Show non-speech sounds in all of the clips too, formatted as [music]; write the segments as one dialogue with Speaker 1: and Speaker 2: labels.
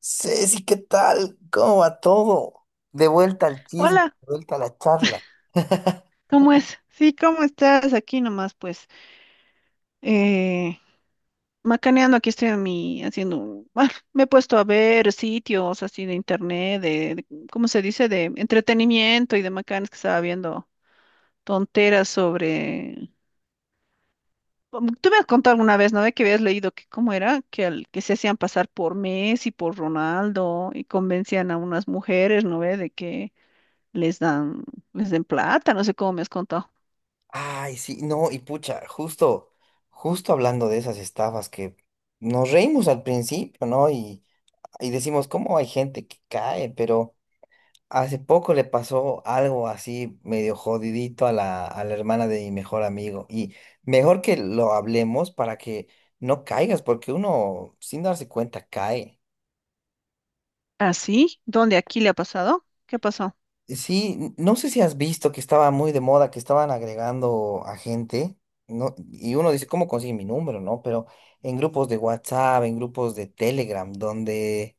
Speaker 1: Ceci, ¿qué tal? ¿Cómo va todo? De vuelta al chisme,
Speaker 2: Hola,
Speaker 1: de vuelta a la charla. [laughs]
Speaker 2: ¿cómo es? Sí, ¿cómo estás? Aquí nomás, pues, eh, macaneando, aquí estoy a mí haciendo, me he puesto a ver sitios así de internet, ¿cómo se dice? De entretenimiento y de macanes que estaba viendo tonteras sobre. Tú me has contado alguna vez, ¿no? De que habías leído que cómo era, que se hacían pasar por Messi, por Ronaldo y convencían a unas mujeres, ¿no ve? De que les dan, les den plata, no sé cómo me has contado.
Speaker 1: Ay, sí, no, y pucha, justo hablando de esas estafas que nos reímos al principio, ¿no? Y decimos, ¿cómo hay gente que cae? Pero hace poco le pasó algo así medio jodidito a la hermana de mi mejor amigo. Y mejor que lo hablemos para que no caigas, porque uno, sin darse cuenta, cae.
Speaker 2: ¿Ah, sí? ¿Dónde? ¿Aquí le ha pasado? ¿Qué pasó?
Speaker 1: Sí, no sé si has visto que estaba muy de moda, que estaban agregando a gente, ¿no? Y uno dice, ¿cómo consigue mi número, no? Pero en grupos de WhatsApp, en grupos de Telegram, donde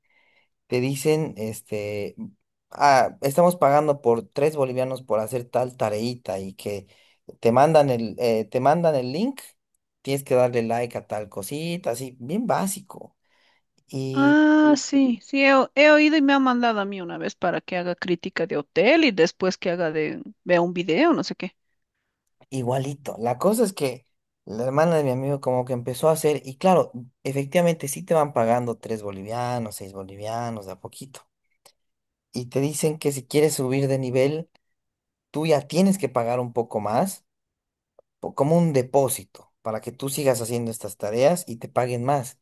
Speaker 1: te dicen, este, estamos pagando por 3 bolivianos por hacer tal tareita y que te mandan el link, tienes que darle like a tal cosita, así, bien básico.
Speaker 2: Ah, sí, sí, he oído y me han mandado a mí una vez para que haga crítica de hotel y después que haga de, vea un video, no sé qué.
Speaker 1: Igualito. La cosa es que la hermana de mi amigo como que empezó a hacer, y claro, efectivamente sí te van pagando 3 bolivianos, 6 bolivianos, de a poquito. Y te dicen que si quieres subir de nivel, tú ya tienes que pagar un poco más, como un depósito, para que tú sigas haciendo estas tareas y te paguen más.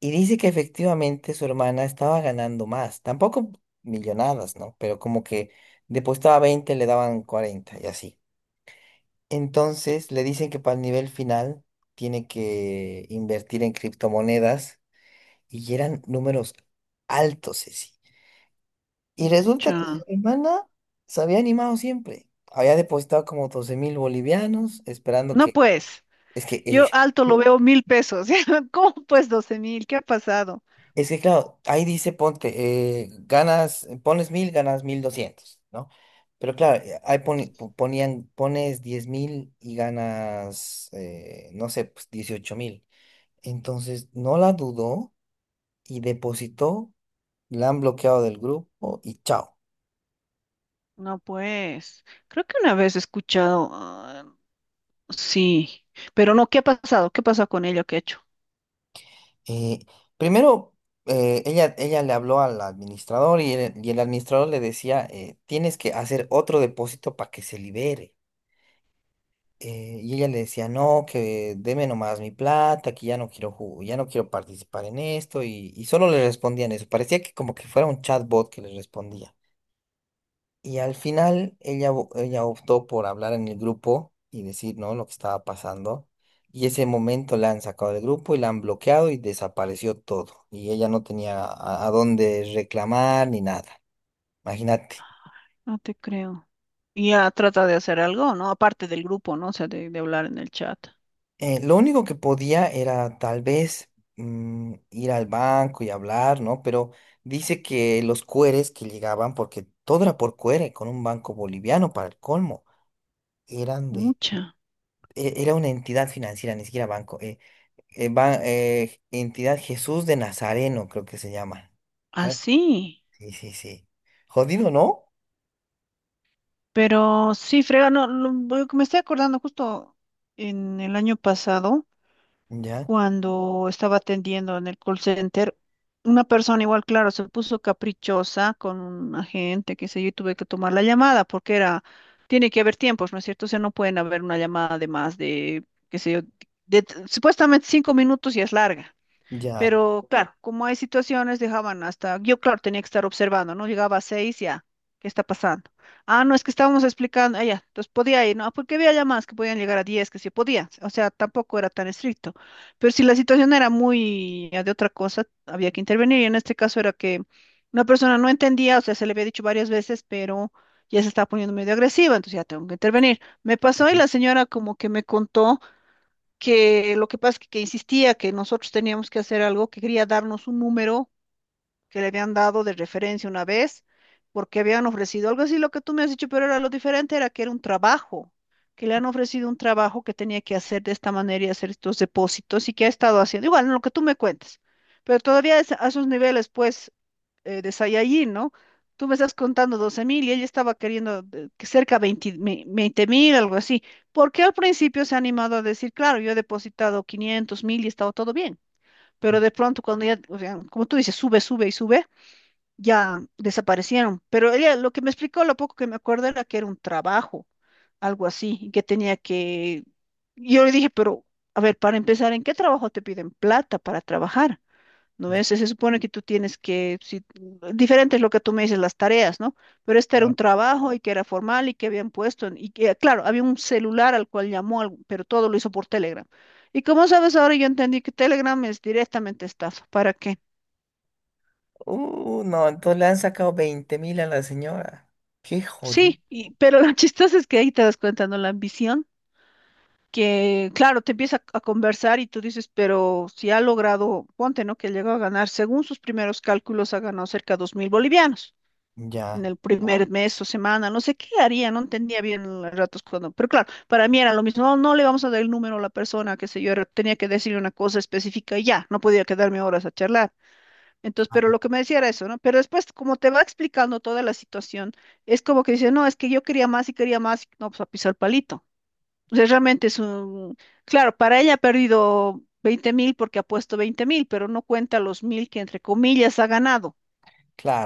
Speaker 1: Y dice que efectivamente su hermana estaba ganando más, tampoco millonadas, ¿no? Pero como que depositaba 20 le daban 40 y así. Entonces le dicen que para el nivel final tiene que invertir en criptomonedas y eran números altos, Ceci. Y
Speaker 2: Mm,
Speaker 1: resulta que su
Speaker 2: Chan.
Speaker 1: hermana se había animado siempre. Había depositado como 12.000 bolivianos, esperando
Speaker 2: No,
Speaker 1: que.
Speaker 2: pues,
Speaker 1: Es que,
Speaker 2: yo
Speaker 1: eh,
Speaker 2: alto lo veo mil pesos. [laughs] ¿Cómo pues doce mil? ¿Qué ha pasado?
Speaker 1: es que claro, ahí dice: ponte, ganas, pones 1000, ganas 1200, ¿no? Pero claro, ahí ponían, pones 10.000 y ganas, no sé, pues 18.000. Entonces no la dudó y depositó, la han bloqueado del grupo y chao.
Speaker 2: No, pues, creo que una vez he escuchado, ah, sí, pero no, ¿qué ha pasado? ¿Qué pasa con ella? ¿Qué ha hecho?
Speaker 1: Eh, Primero, ella le habló al administrador y el administrador le decía, tienes que hacer otro depósito para que se libere. Y ella le decía, no, que deme nomás mi plata, que ya no quiero participar en esto. Y solo le respondían eso. Parecía que como que fuera un chatbot que le respondía. Y al final ella optó por hablar en el grupo y decir, ¿no?, lo que estaba pasando. Y ese momento la han sacado del grupo y la han bloqueado y desapareció todo. Y ella no tenía a dónde reclamar ni nada. Imagínate.
Speaker 2: No te creo. Y ya trata de hacer algo, ¿no? Aparte del grupo, ¿no? O sea, de hablar en el chat.
Speaker 1: Lo único que podía era tal vez ir al banco y hablar, ¿no? Pero dice que los cueres que llegaban, porque todo era por cuere, con un banco boliviano para el colmo, eran de...
Speaker 2: Mucha.
Speaker 1: Era una entidad financiera, ni siquiera banco. Entidad Jesús de Nazareno, creo que se llama. Ah,
Speaker 2: Así,
Speaker 1: sí, sí, sí. Jodido, ¿no?
Speaker 2: pero sí, frega, no, lo que me estoy acordando justo en el año pasado,
Speaker 1: Ya,
Speaker 2: cuando estaba atendiendo en el call center, una persona igual, claro, se puso caprichosa con un agente, qué sé yo, y tuve que tomar la llamada porque era, tiene que haber tiempos, ¿no es cierto? O sea, no pueden haber una llamada de más de, qué sé yo, de, supuestamente 5 minutos y es larga.
Speaker 1: ya.
Speaker 2: Pero claro, como hay situaciones, dejaban hasta, yo claro, tenía que estar observando, ¿no? Llegaba a seis, ya, ¿qué está pasando? Ah, no, es que estábamos explicando, ah, ya, entonces podía ir, ¿no? Porque había llamadas que podían llegar a diez, que sí podían, o sea, tampoco era tan estricto. Pero si la situación era muy ya de otra cosa, había que intervenir, y en este caso era que una persona no entendía, o sea, se le había dicho varias veces, pero ya se estaba poniendo medio agresiva, entonces ya tengo que intervenir. Me pasó y la señora como que me contó que lo que pasa es que insistía que nosotros teníamos que hacer algo, que quería darnos un número que le habían dado de referencia una vez, porque habían ofrecido algo así, lo que tú me has dicho, pero era lo diferente, era que era un trabajo, que le han ofrecido un trabajo que tenía que hacer de esta manera y hacer estos depósitos y que ha estado haciendo, igual, en lo que tú me cuentes, pero todavía a esos niveles, pues, de Saiyajin, ¿no? Tú me estás contando 12 mil y ella estaba queriendo que cerca de 20 mil, algo así. ¿Por qué al principio se ha animado a decir, claro, yo he depositado 500 mil y estaba todo bien? Pero de pronto cuando ya, o sea, como tú dices, sube, sube y sube, ya desaparecieron. Pero ella lo que me explicó, lo poco que me acuerdo era que era un trabajo, algo así, y que tenía que. Yo le dije, pero, a ver, para empezar, ¿en qué trabajo te piden plata para trabajar? ¿No ves? Se supone que tú tienes que, si, diferente es lo que tú me dices, las tareas, ¿no? Pero este era un trabajo y que era formal y que habían puesto, y que, claro, había un celular al cual llamó, pero todo lo hizo por Telegram. Y como sabes, ahora yo entendí que Telegram es directamente estafa, ¿para qué?
Speaker 1: No, entonces le han sacado 20.000 a la señora. Qué jodido.
Speaker 2: Sí, y, pero lo [laughs] chistoso es que ahí te das cuenta, ¿no? La ambición, que claro, te empieza a conversar y tú dices, pero si ha logrado, ponte, ¿no? Que llegó a ganar, según sus primeros cálculos, ha ganado cerca de 2.000 bolivianos.
Speaker 1: Ya,
Speaker 2: En el primer mes o semana, no sé qué haría, no entendía bien los ratos cuando, pero claro, para mí era lo mismo, no, no le vamos a dar el número a la persona, qué sé yo, tenía que decirle una cosa específica y ya, no podía quedarme horas a charlar. Entonces, pero lo que me decía era eso, ¿no? Pero después, como te va explicando toda la situación, es como que dice, no, es que yo quería más, y no, pues a pisar palito. Entonces, realmente es un, claro, para ella ha perdido 20 mil porque ha puesto 20 mil, pero no cuenta los mil que entre comillas ha ganado.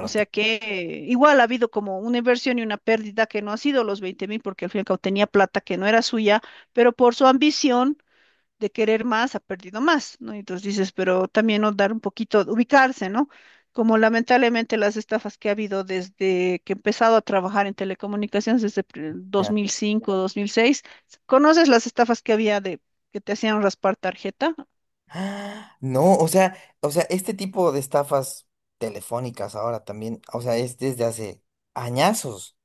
Speaker 2: O sea que igual ha habido como una inversión y una pérdida que no ha sido los 20 mil, porque al fin y al cabo tenía plata que no era suya, pero por su ambición de querer más ha perdido más, ¿no? Y entonces dices, pero también no dar un poquito, ubicarse, ¿no? Como lamentablemente las estafas que ha habido desde que he empezado a trabajar en telecomunicaciones, desde
Speaker 1: ya.
Speaker 2: 2005, 2006, ¿conoces las estafas que había de que te hacían raspar tarjeta?
Speaker 1: Ah, no, o sea, este tipo de estafas telefónicas ahora también, o sea, es desde hace añazos.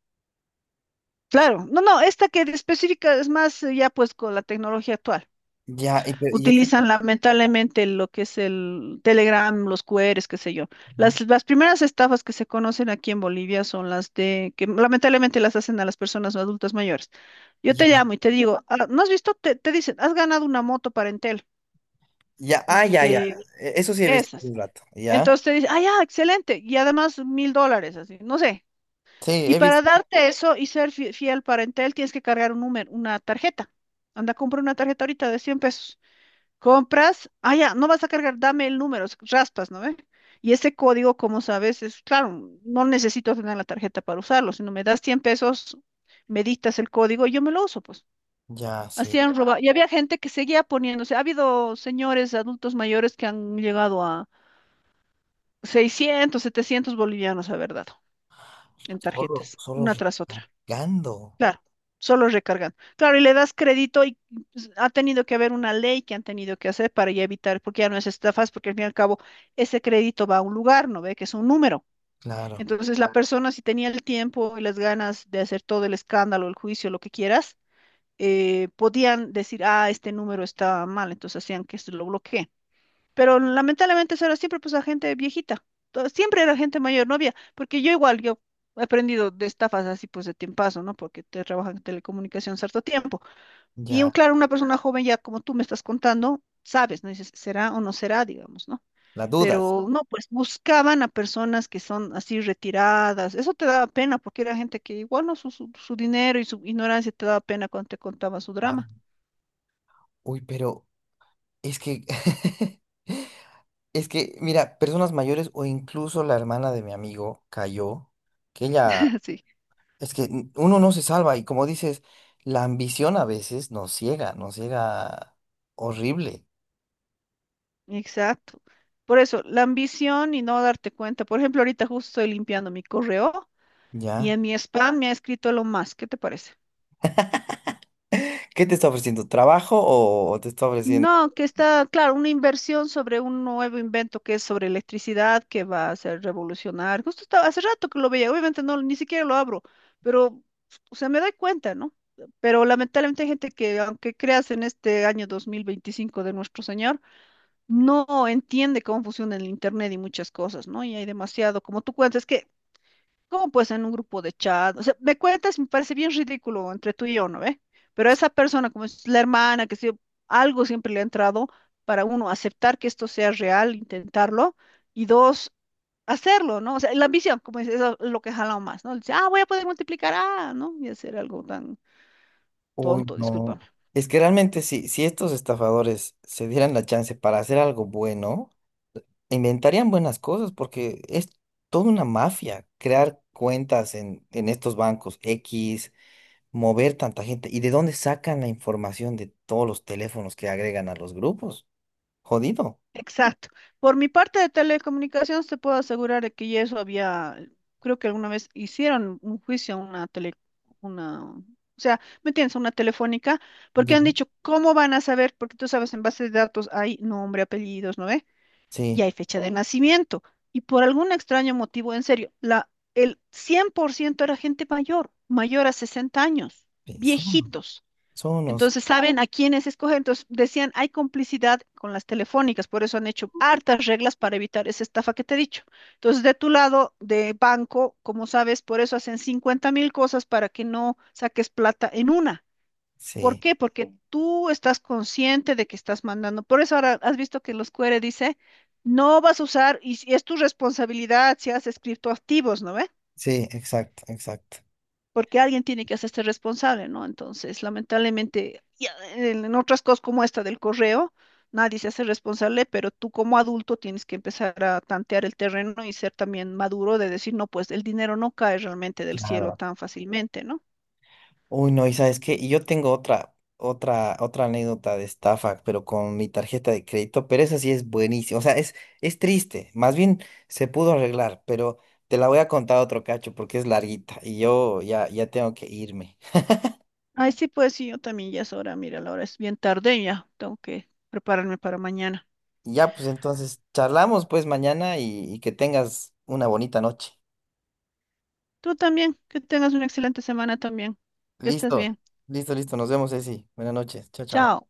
Speaker 2: Claro, no, no, esta que específica es más ya pues con la tecnología actual.
Speaker 1: Ya, y este.
Speaker 2: Utilizan lamentablemente lo que es el Telegram, los QRs, qué sé yo.
Speaker 1: Ujú.
Speaker 2: Las primeras estafas que se conocen aquí en Bolivia son las de que lamentablemente las hacen a las personas adultas mayores. Yo te
Speaker 1: Ya,
Speaker 2: llamo y te digo, "Ah, ¿no has visto? Te dicen, has ganado una moto para Entel
Speaker 1: ya,
Speaker 2: y
Speaker 1: ah, ya, ya.
Speaker 2: te
Speaker 1: Eso sí he visto
Speaker 2: esas.
Speaker 1: un rato, ya.
Speaker 2: Entonces te dicen, ah, ya, excelente. Y además mil dólares, así, no sé.
Speaker 1: Sí,
Speaker 2: Y
Speaker 1: he
Speaker 2: para
Speaker 1: visto.
Speaker 2: darte eso y ser fiel para Entel, tienes que cargar un número, una tarjeta. Anda, compra una tarjeta ahorita de 100 pesos. Compras, ah, ya, no vas a cargar, dame el número, raspas, ¿no ve? Y ese código, como sabes, es claro, no necesito tener la tarjeta para usarlo, sino me das 100 pesos, me dictas el código y yo me lo uso, pues.
Speaker 1: Ya,
Speaker 2: Así
Speaker 1: sí.
Speaker 2: han robado. Y había gente que seguía poniéndose, ha habido señores adultos mayores que han llegado a 600, 700 bolivianos, haber dado en
Speaker 1: Solo,
Speaker 2: tarjetas,
Speaker 1: solo
Speaker 2: una tras otra.
Speaker 1: recargando.
Speaker 2: Claro, solo recargan. Claro, y le das crédito y pues, ha tenido que haber una ley que han tenido que hacer para ya evitar, porque ya no es estafas, porque al fin y al cabo ese crédito va a un lugar, ¿no ve? Que es un número.
Speaker 1: Claro.
Speaker 2: Entonces la persona si tenía el tiempo y las ganas de hacer todo el escándalo, el juicio, lo que quieras, podían decir, ah, este número está mal, entonces hacían que se lo bloquee. Pero lamentablemente eso era siempre pues la gente viejita. Siempre era gente mayor, no había, porque yo igual, yo he aprendido de estafas así pues de tiempazo, ¿no? Porque te trabajan en telecomunicación cierto tiempo. Y un,
Speaker 1: Ya.
Speaker 2: claro, una persona joven ya como tú me estás contando, sabes, ¿no? Dices, será o no será, digamos, ¿no?
Speaker 1: La dudas.
Speaker 2: Pero no, pues buscaban a personas que son así retiradas. Eso te daba pena porque era gente que igual no su dinero y su ignorancia te daba pena cuando te contaba su
Speaker 1: Claro.
Speaker 2: drama.
Speaker 1: Uy, pero es que, [laughs] es que, mira, personas mayores o incluso la hermana de mi amigo cayó, que ella,
Speaker 2: [laughs] Sí.
Speaker 1: es que uno no se salva y, como dices, la ambición a veces nos ciega horrible.
Speaker 2: Exacto. Por eso, la ambición y no darte cuenta. Por ejemplo, ahorita justo estoy limpiando mi correo y
Speaker 1: ¿Ya?
Speaker 2: en mi spam me ha escrito lo más. ¿Qué te parece?
Speaker 1: ¿Qué te está ofreciendo? ¿Trabajo o te está ofreciendo?
Speaker 2: No, que está, claro, una inversión sobre un nuevo invento que es sobre electricidad, que va a hacer revolucionar. Justo estaba, hace rato que lo veía, obviamente no, ni siquiera lo abro, pero, o sea, me doy cuenta, ¿no? Pero lamentablemente hay gente que, aunque creas en este año 2025 de nuestro Señor, no entiende cómo funciona el Internet y muchas cosas, ¿no? Y hay demasiado, como tú cuentas, es que. ¿Cómo pues en un grupo de chat? O sea, me cuentas, me parece bien ridículo entre tú y yo, ¿no ve? Pero esa persona, como es la hermana, que si algo siempre le ha entrado para uno aceptar que esto sea real, intentarlo, y dos, hacerlo, ¿no? O sea, la ambición, como es lo que jala más, ¿no? Dice, ah, voy a poder multiplicar, ah, ¿no? Y hacer algo tan
Speaker 1: Uy,
Speaker 2: tonto, disculpa.
Speaker 1: no. Es que realmente si estos estafadores se dieran la chance para hacer algo bueno, inventarían buenas cosas porque es toda una mafia crear cuentas en estos bancos X, mover tanta gente. ¿Y de dónde sacan la información de todos los teléfonos que agregan a los grupos? Jodido.
Speaker 2: Exacto. Por mi parte de telecomunicaciones, te puedo asegurar de que ya eso había, creo que alguna vez hicieron un juicio a una tele, una, o sea, ¿me entiendes? Una telefónica, porque
Speaker 1: Ya,
Speaker 2: han dicho, ¿cómo van a saber? Porque tú sabes, en base de datos hay nombre, apellidos, ¿no ve? Y
Speaker 1: sí,
Speaker 2: hay fecha de nacimiento. Y por algún extraño motivo, en serio, el 100% era gente mayor, mayor a 60 años,
Speaker 1: sí, son
Speaker 2: viejitos.
Speaker 1: son unos.
Speaker 2: Entonces saben a quiénes escoger. Entonces decían, hay complicidad con las telefónicas, por eso han hecho hartas reglas para evitar esa estafa que te he dicho. Entonces, de tu lado de banco, como sabes, por eso hacen 50 mil cosas para que no saques plata en una. ¿Por
Speaker 1: Sí,
Speaker 2: qué? Porque sí, tú estás consciente de que estás mandando. Por eso ahora has visto que los QR dice, no vas a usar, y si es tu responsabilidad si haces criptoactivos, ¿no ve?
Speaker 1: sí, exacto, exacto.
Speaker 2: Porque alguien tiene que hacerse responsable, ¿no? Entonces, lamentablemente, ya en otras cosas como esta del correo, nadie se hace responsable, pero tú como adulto tienes que empezar a tantear el terreno y ser también maduro de decir, no, pues el dinero no cae realmente del cielo
Speaker 1: Claro.
Speaker 2: tan fácilmente, ¿no?
Speaker 1: Uy, no, y sabes qué, y yo tengo otra anécdota de estafa, pero con mi tarjeta de crédito, pero esa sí es buenísima, o sea, es triste, más bien se pudo arreglar, pero te la voy a contar otro cacho porque es larguita y yo ya tengo que irme.
Speaker 2: Ay, sí, pues sí, yo también ya es hora, mira, la hora es bien tarde y ya, tengo que prepararme para mañana.
Speaker 1: Ya, pues entonces, charlamos pues mañana y que tengas una bonita noche.
Speaker 2: Tú también, que tengas una excelente semana también, que estés
Speaker 1: Listo,
Speaker 2: bien.
Speaker 1: listo, listo, nos vemos, Ceci. Buenas noches, chao, chao.
Speaker 2: Chao.